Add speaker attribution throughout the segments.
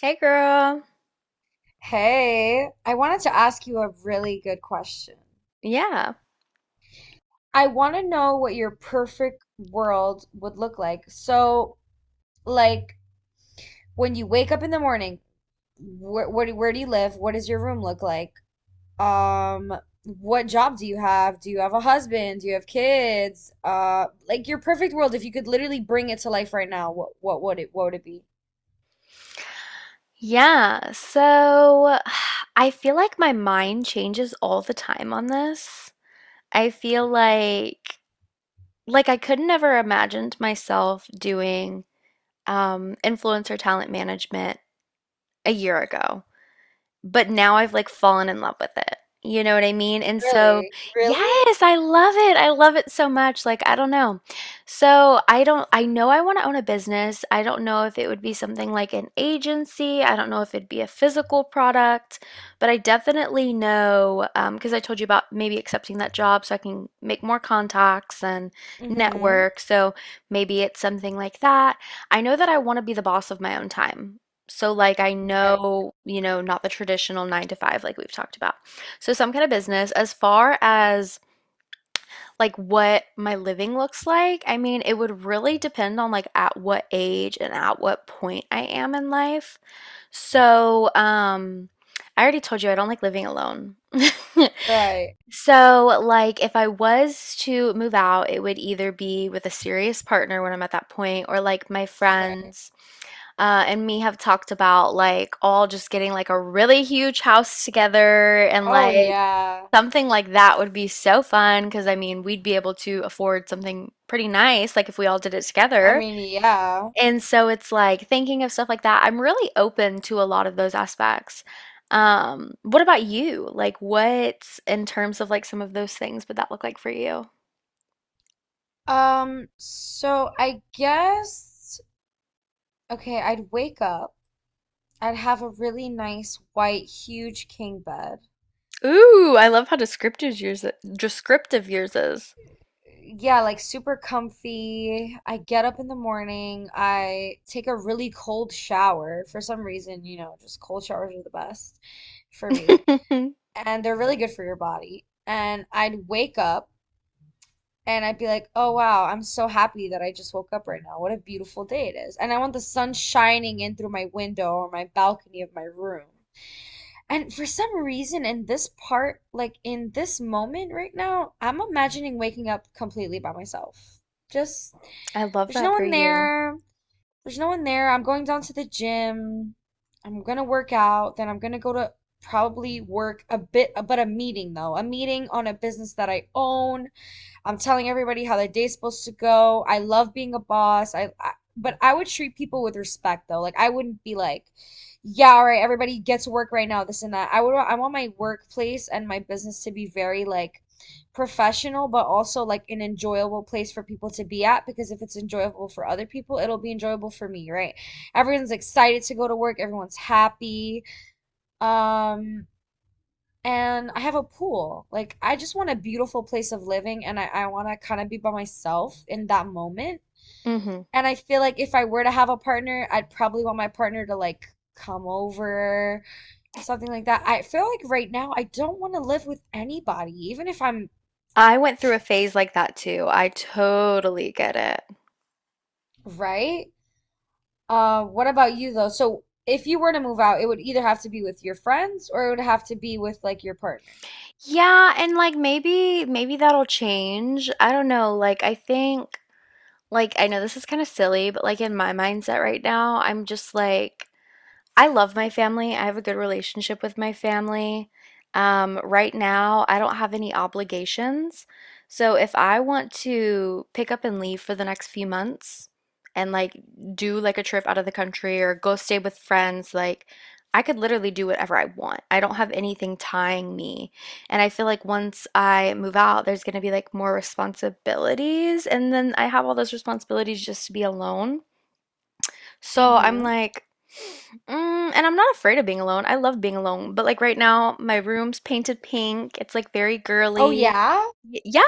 Speaker 1: Hey girl.
Speaker 2: Hey, I wanted to ask you a really good question.
Speaker 1: Yeah.
Speaker 2: I want to know what your perfect world would look like. So, like when you wake up in the morning, where do you live? What does your room look like? Um, what job do you have? Do you have a husband? Do you have kids? Like your perfect world, if you could literally bring it to life right now, what would it be?
Speaker 1: Yeah. So I feel like my mind changes all the time on this. I feel like I could never imagined myself doing influencer talent management a year ago. But now I've like fallen in love with it. You know what I mean? And so,
Speaker 2: Really? Really?
Speaker 1: yes, I love it. I love it so much. Like, I don't know. So, I don't, I know I want to own a business. I don't know if it would be something like an agency. I don't know if it'd be a physical product, but I definitely know, because I told you about maybe accepting that job so I can make more contacts and
Speaker 2: Mm-hmm.
Speaker 1: network. So, maybe it's something like that. I know that I want to be the boss of my own time. So, like, I
Speaker 2: Right.
Speaker 1: know, you know, not the traditional nine to five, like we've talked about. So, some kind of business. As far as like what my living looks like, I mean, it would really depend on like at what age and at what point I am in life. So, I already told you I don't like living alone.
Speaker 2: Right.
Speaker 1: So, like, if I was to move out, it would either be with a serious partner when I'm at that point, or like my
Speaker 2: Right.
Speaker 1: friends and me have talked about like all just getting like a really huge house together and
Speaker 2: Oh
Speaker 1: like
Speaker 2: yeah.
Speaker 1: something like that would be so fun because I mean, we'd be able to afford something pretty nice like if we all did it
Speaker 2: I
Speaker 1: together.
Speaker 2: mean, yeah.
Speaker 1: And so it's like thinking of stuff like that. I'm really open to a lot of those aspects. What about you? Like what in terms of like some of those things would that look like for you?
Speaker 2: So I guess, okay, I'd wake up. I'd have a really nice white, huge king bed.
Speaker 1: Ooh, I love how descriptive yours is.
Speaker 2: Yeah, like super comfy. I get up in the morning. I take a really cold shower. For some reason, just cold showers are the best for me.
Speaker 1: I
Speaker 2: And they're really good for your body. And I'd wake up, and I'd be like, oh wow, I'm so happy that I just woke up right now. What a beautiful day it is. And I want the sun shining in through my window or my balcony of my room. And for some reason, in this part, like in this moment right now, I'm imagining waking up completely by myself. Just,
Speaker 1: love
Speaker 2: there's no
Speaker 1: that for
Speaker 2: one
Speaker 1: you.
Speaker 2: there. I'm going down to the gym. I'm gonna work out. Then I'm gonna go to probably work a bit, but a meeting though, a meeting on a business that I own. I'm telling everybody how their day's supposed to go. I love being a boss. I but I would treat people with respect though. Like I wouldn't be like, yeah, all right, everybody gets work right now, this and that. I want my workplace and my business to be very like professional, but also like an enjoyable place for people to be at because if it's enjoyable for other people, it'll be enjoyable for me, right? Everyone's excited to go to work, everyone's happy. Um, and I have a pool. Like I just want a beautiful place of living and I want to kind of be by myself in that moment.
Speaker 1: Hmm.
Speaker 2: And I feel like if I were to have a partner, I'd probably want my partner to like come over, something like that. I feel like right now I don't want to live with anybody, even if I'm
Speaker 1: I went through a phase like that too. I totally get it.
Speaker 2: right. What about you though? So if you were to move out, it would either have to be with your friends or it would have to be with like your partner.
Speaker 1: Yeah, and like maybe that'll change. I don't know. Like I think like I know this is kind of silly, but like in my mindset right now, I'm just like I love my family. I have a good relationship with my family. Right now, I don't have any obligations. So if I want to pick up and leave for the next few months and like do like a trip out of the country or go stay with friends, like I could literally do whatever I want. I don't have anything tying me. And I feel like once I move out, there's going to be like more responsibilities. And then I have all those responsibilities just to be alone. So I'm
Speaker 2: Hmm.
Speaker 1: like, and I'm not afraid of being alone. I love being alone. But like right now, my room's painted pink. It's like very
Speaker 2: Oh
Speaker 1: girly.
Speaker 2: yeah?
Speaker 1: Yeah,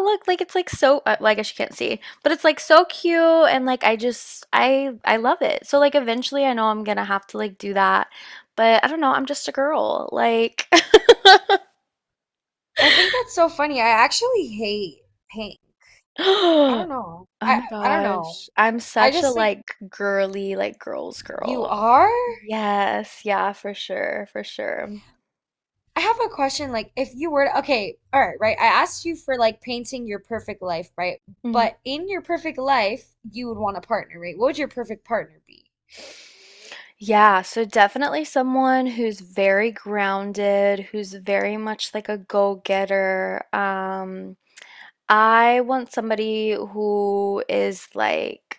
Speaker 1: look, like it's like so, well, I guess you can't see, but it's like so cute. And like, I just, I love it. So like, eventually I know I'm gonna have to like do that. But I don't know, I'm just a girl. Like,
Speaker 2: I think that's so funny. I actually hate paint. I
Speaker 1: oh
Speaker 2: don't know. I
Speaker 1: my
Speaker 2: I don't know.
Speaker 1: gosh, I'm
Speaker 2: I
Speaker 1: such a
Speaker 2: just like,
Speaker 1: like girly, like girls
Speaker 2: you
Speaker 1: girl.
Speaker 2: are?
Speaker 1: Yes, yeah, for sure, for sure.
Speaker 2: I have a question, like if you were to, okay, all right, right, I asked you for like painting your perfect life, right?
Speaker 1: Mhm.
Speaker 2: But in your perfect life, you would want a partner, right? What would your perfect partner be?
Speaker 1: Yeah, so definitely someone who's very grounded, who's very much like a go-getter. I want somebody who is like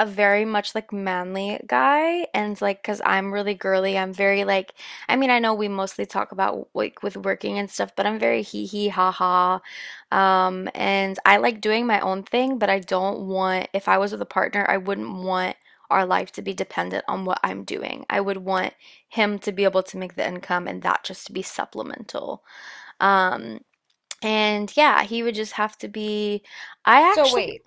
Speaker 1: a very much like manly guy and like because I'm really girly I'm very like I mean I know we mostly talk about like with working and stuff but I'm very hee hee ha ha and I like doing my own thing but I don't want if I was with a partner I wouldn't want our life to be dependent on what I'm doing I would want him to be able to make the income and that just to be supplemental um and yeah he would just have to be I
Speaker 2: So
Speaker 1: actually
Speaker 2: wait.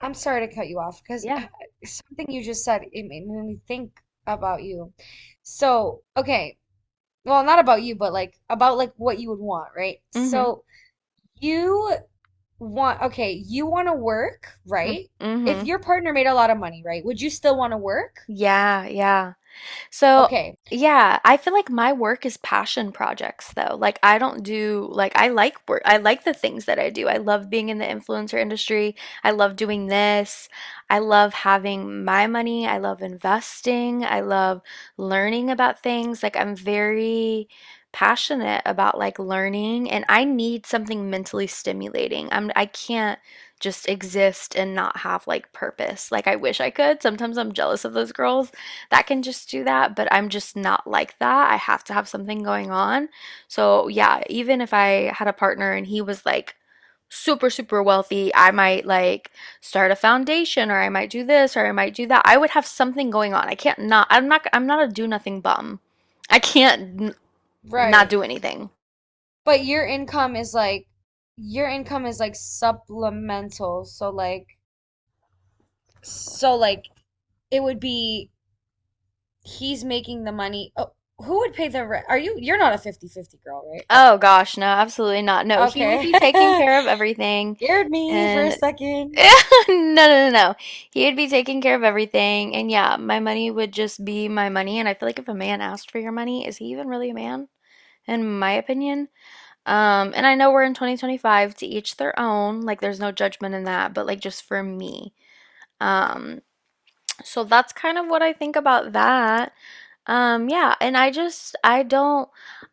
Speaker 2: I'm sorry to cut you off because
Speaker 1: yeah,
Speaker 2: something you just said, it made me think about you. So, okay, well, not about you, but like about like what you would want, right?
Speaker 1: mm-hmm,
Speaker 2: So, you want, okay, you want to work,
Speaker 1: mm-hmm,
Speaker 2: right? If
Speaker 1: mm-hmm.
Speaker 2: your partner made a lot of money, right? Would you still want to work?
Speaker 1: Yeah, yeah. So,
Speaker 2: Okay,
Speaker 1: yeah, I feel like my work is passion projects though. Like I don't do like I like work. I like the things that I do. I love being in the influencer industry. I love doing this. I love having my money. I love investing. I love learning about things. Like I'm very passionate about like learning and I need something mentally stimulating. I can't just exist and not have like purpose. Like I wish I could. Sometimes I'm jealous of those girls that can just do that, but I'm just not like that. I have to have something going on. So, yeah, even if I had a partner and he was like super, super wealthy, I might like start a foundation or I might do this or I might do that. I would have something going on. I can't not, I'm not, I'm not a do nothing bum. I can't not
Speaker 2: right.
Speaker 1: do anything.
Speaker 2: But your income is like supplemental, so like it would be he's making the money. Oh, who would pay the rent? Are you? You're not a 50/50 girl, right?
Speaker 1: Oh gosh, no, absolutely not. No,
Speaker 2: Are,
Speaker 1: he would
Speaker 2: okay,
Speaker 1: be taking care of everything.
Speaker 2: scared me for a
Speaker 1: And
Speaker 2: second.
Speaker 1: no, no, no, no. He would be taking care of everything. And yeah, my money would just be my money. And I feel like if a man asked for your money, is he even really a man? In my opinion. And I know we're in 2025, to each their own. Like, there's no judgment in that, but like, just for me. Um, so that's kind of what I think about that. Yeah, and I just I don't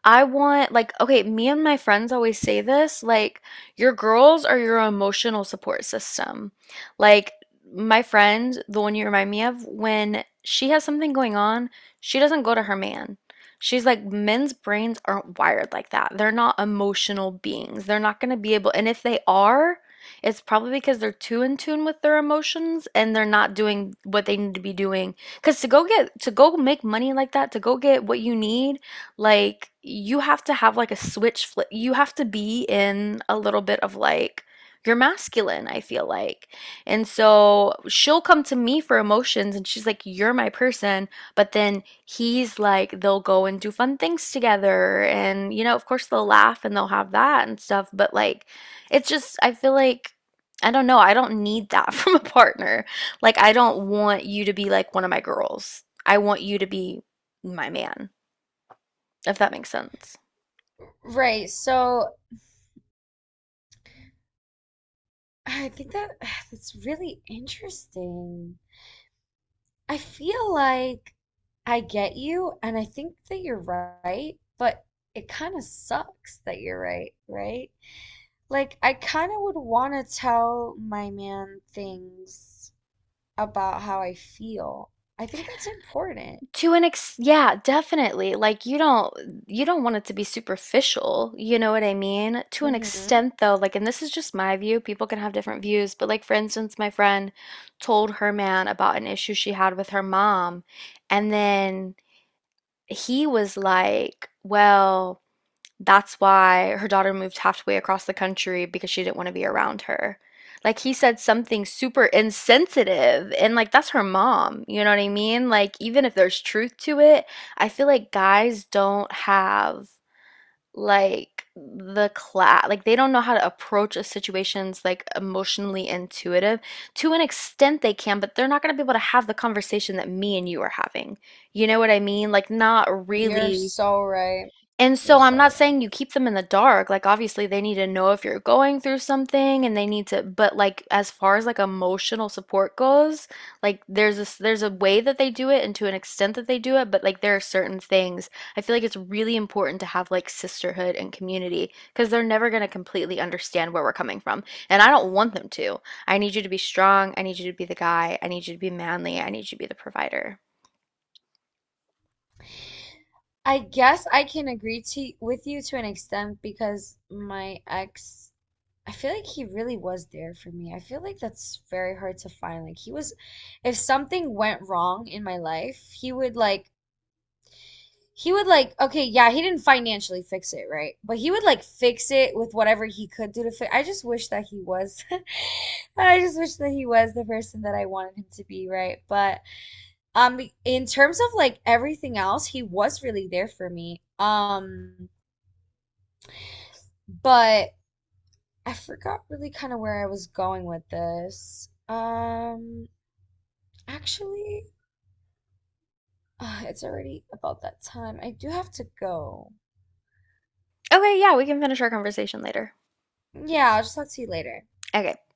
Speaker 1: I want like, okay, me and my friends always say this, like your girls are your emotional support system. Like my friend, the one you remind me of, when she has something going on, she doesn't go to her man. She's like, men's brains aren't wired like that. They're not emotional beings. They're not going to be able, and if they are, it's probably because they're too in tune with their emotions and they're not doing what they need to be doing, because to go make money like that, to go get what you need, like you have to have like a switch flip. You have to be in a little bit of like, you're masculine, I feel like. And so she'll come to me for emotions and she's like, you're my person. But then he's like, they'll go and do fun things together. And, you know, of course they'll laugh and they'll have that and stuff. But like, it's just, I feel like, I don't know. I don't need that from a partner. Like, I don't want you to be like one of my girls. I want you to be my man, if that makes sense.
Speaker 2: Right. So I think that that's really interesting. I feel like I get you, and I think that you're right, but it kind of sucks that you're right, right? Like, I kind of would want to tell my man things about how I feel. I think that's important.
Speaker 1: To an ex, yeah, definitely, like you don't want it to be superficial, you know what I mean, to an
Speaker 2: Mm-hmm.
Speaker 1: extent though. Like, and this is just my view, people can have different views, but like, for instance, my friend told her man about an issue she had with her mom, and then he was like, well, that's why her daughter moved halfway across the country because she didn't want to be around her. Like, he said something super insensitive and like, that's her mom, you know what I mean? Like even if there's truth to it, I feel like guys don't have like the class, like they don't know how to approach a situation's like emotionally intuitive. To an extent they can, but they're not going to be able to have the conversation that me and you are having. You know what I mean? Like, not
Speaker 2: You're
Speaker 1: really.
Speaker 2: so right.
Speaker 1: And
Speaker 2: You're
Speaker 1: so I'm
Speaker 2: so
Speaker 1: not
Speaker 2: right.
Speaker 1: saying you keep them in the dark, like, obviously, they need to know if you're going through something, and they need to but, like, as far as, like, emotional support goes, like, there's a way that they do it and to an extent that they do it, but, like, there are certain things. I feel like it's really important to have, like, sisterhood and community, because 'cause they're never gonna completely understand where we're coming from, and I don't want them to. I need you to be strong, I need you to be the guy, I need you to be manly, I need you to be the provider.
Speaker 2: I guess I can agree to with you to an extent because my ex, I feel like he really was there for me. I feel like that's very hard to find. Like he was, if something went wrong in my life, he would like, okay, yeah, he didn't financially fix it, right? But he would like fix it with whatever he could do to fix. I just wish that he was, I just wish that he was the person that I wanted him to be, right? But in terms of like everything else, he was really there for me. But I forgot really kind of where I was going with this. Actually, it's already about that time. I do have to go.
Speaker 1: Okay, yeah, we can finish our conversation later.
Speaker 2: Yeah, I'll just talk to you later.
Speaker 1: Okay.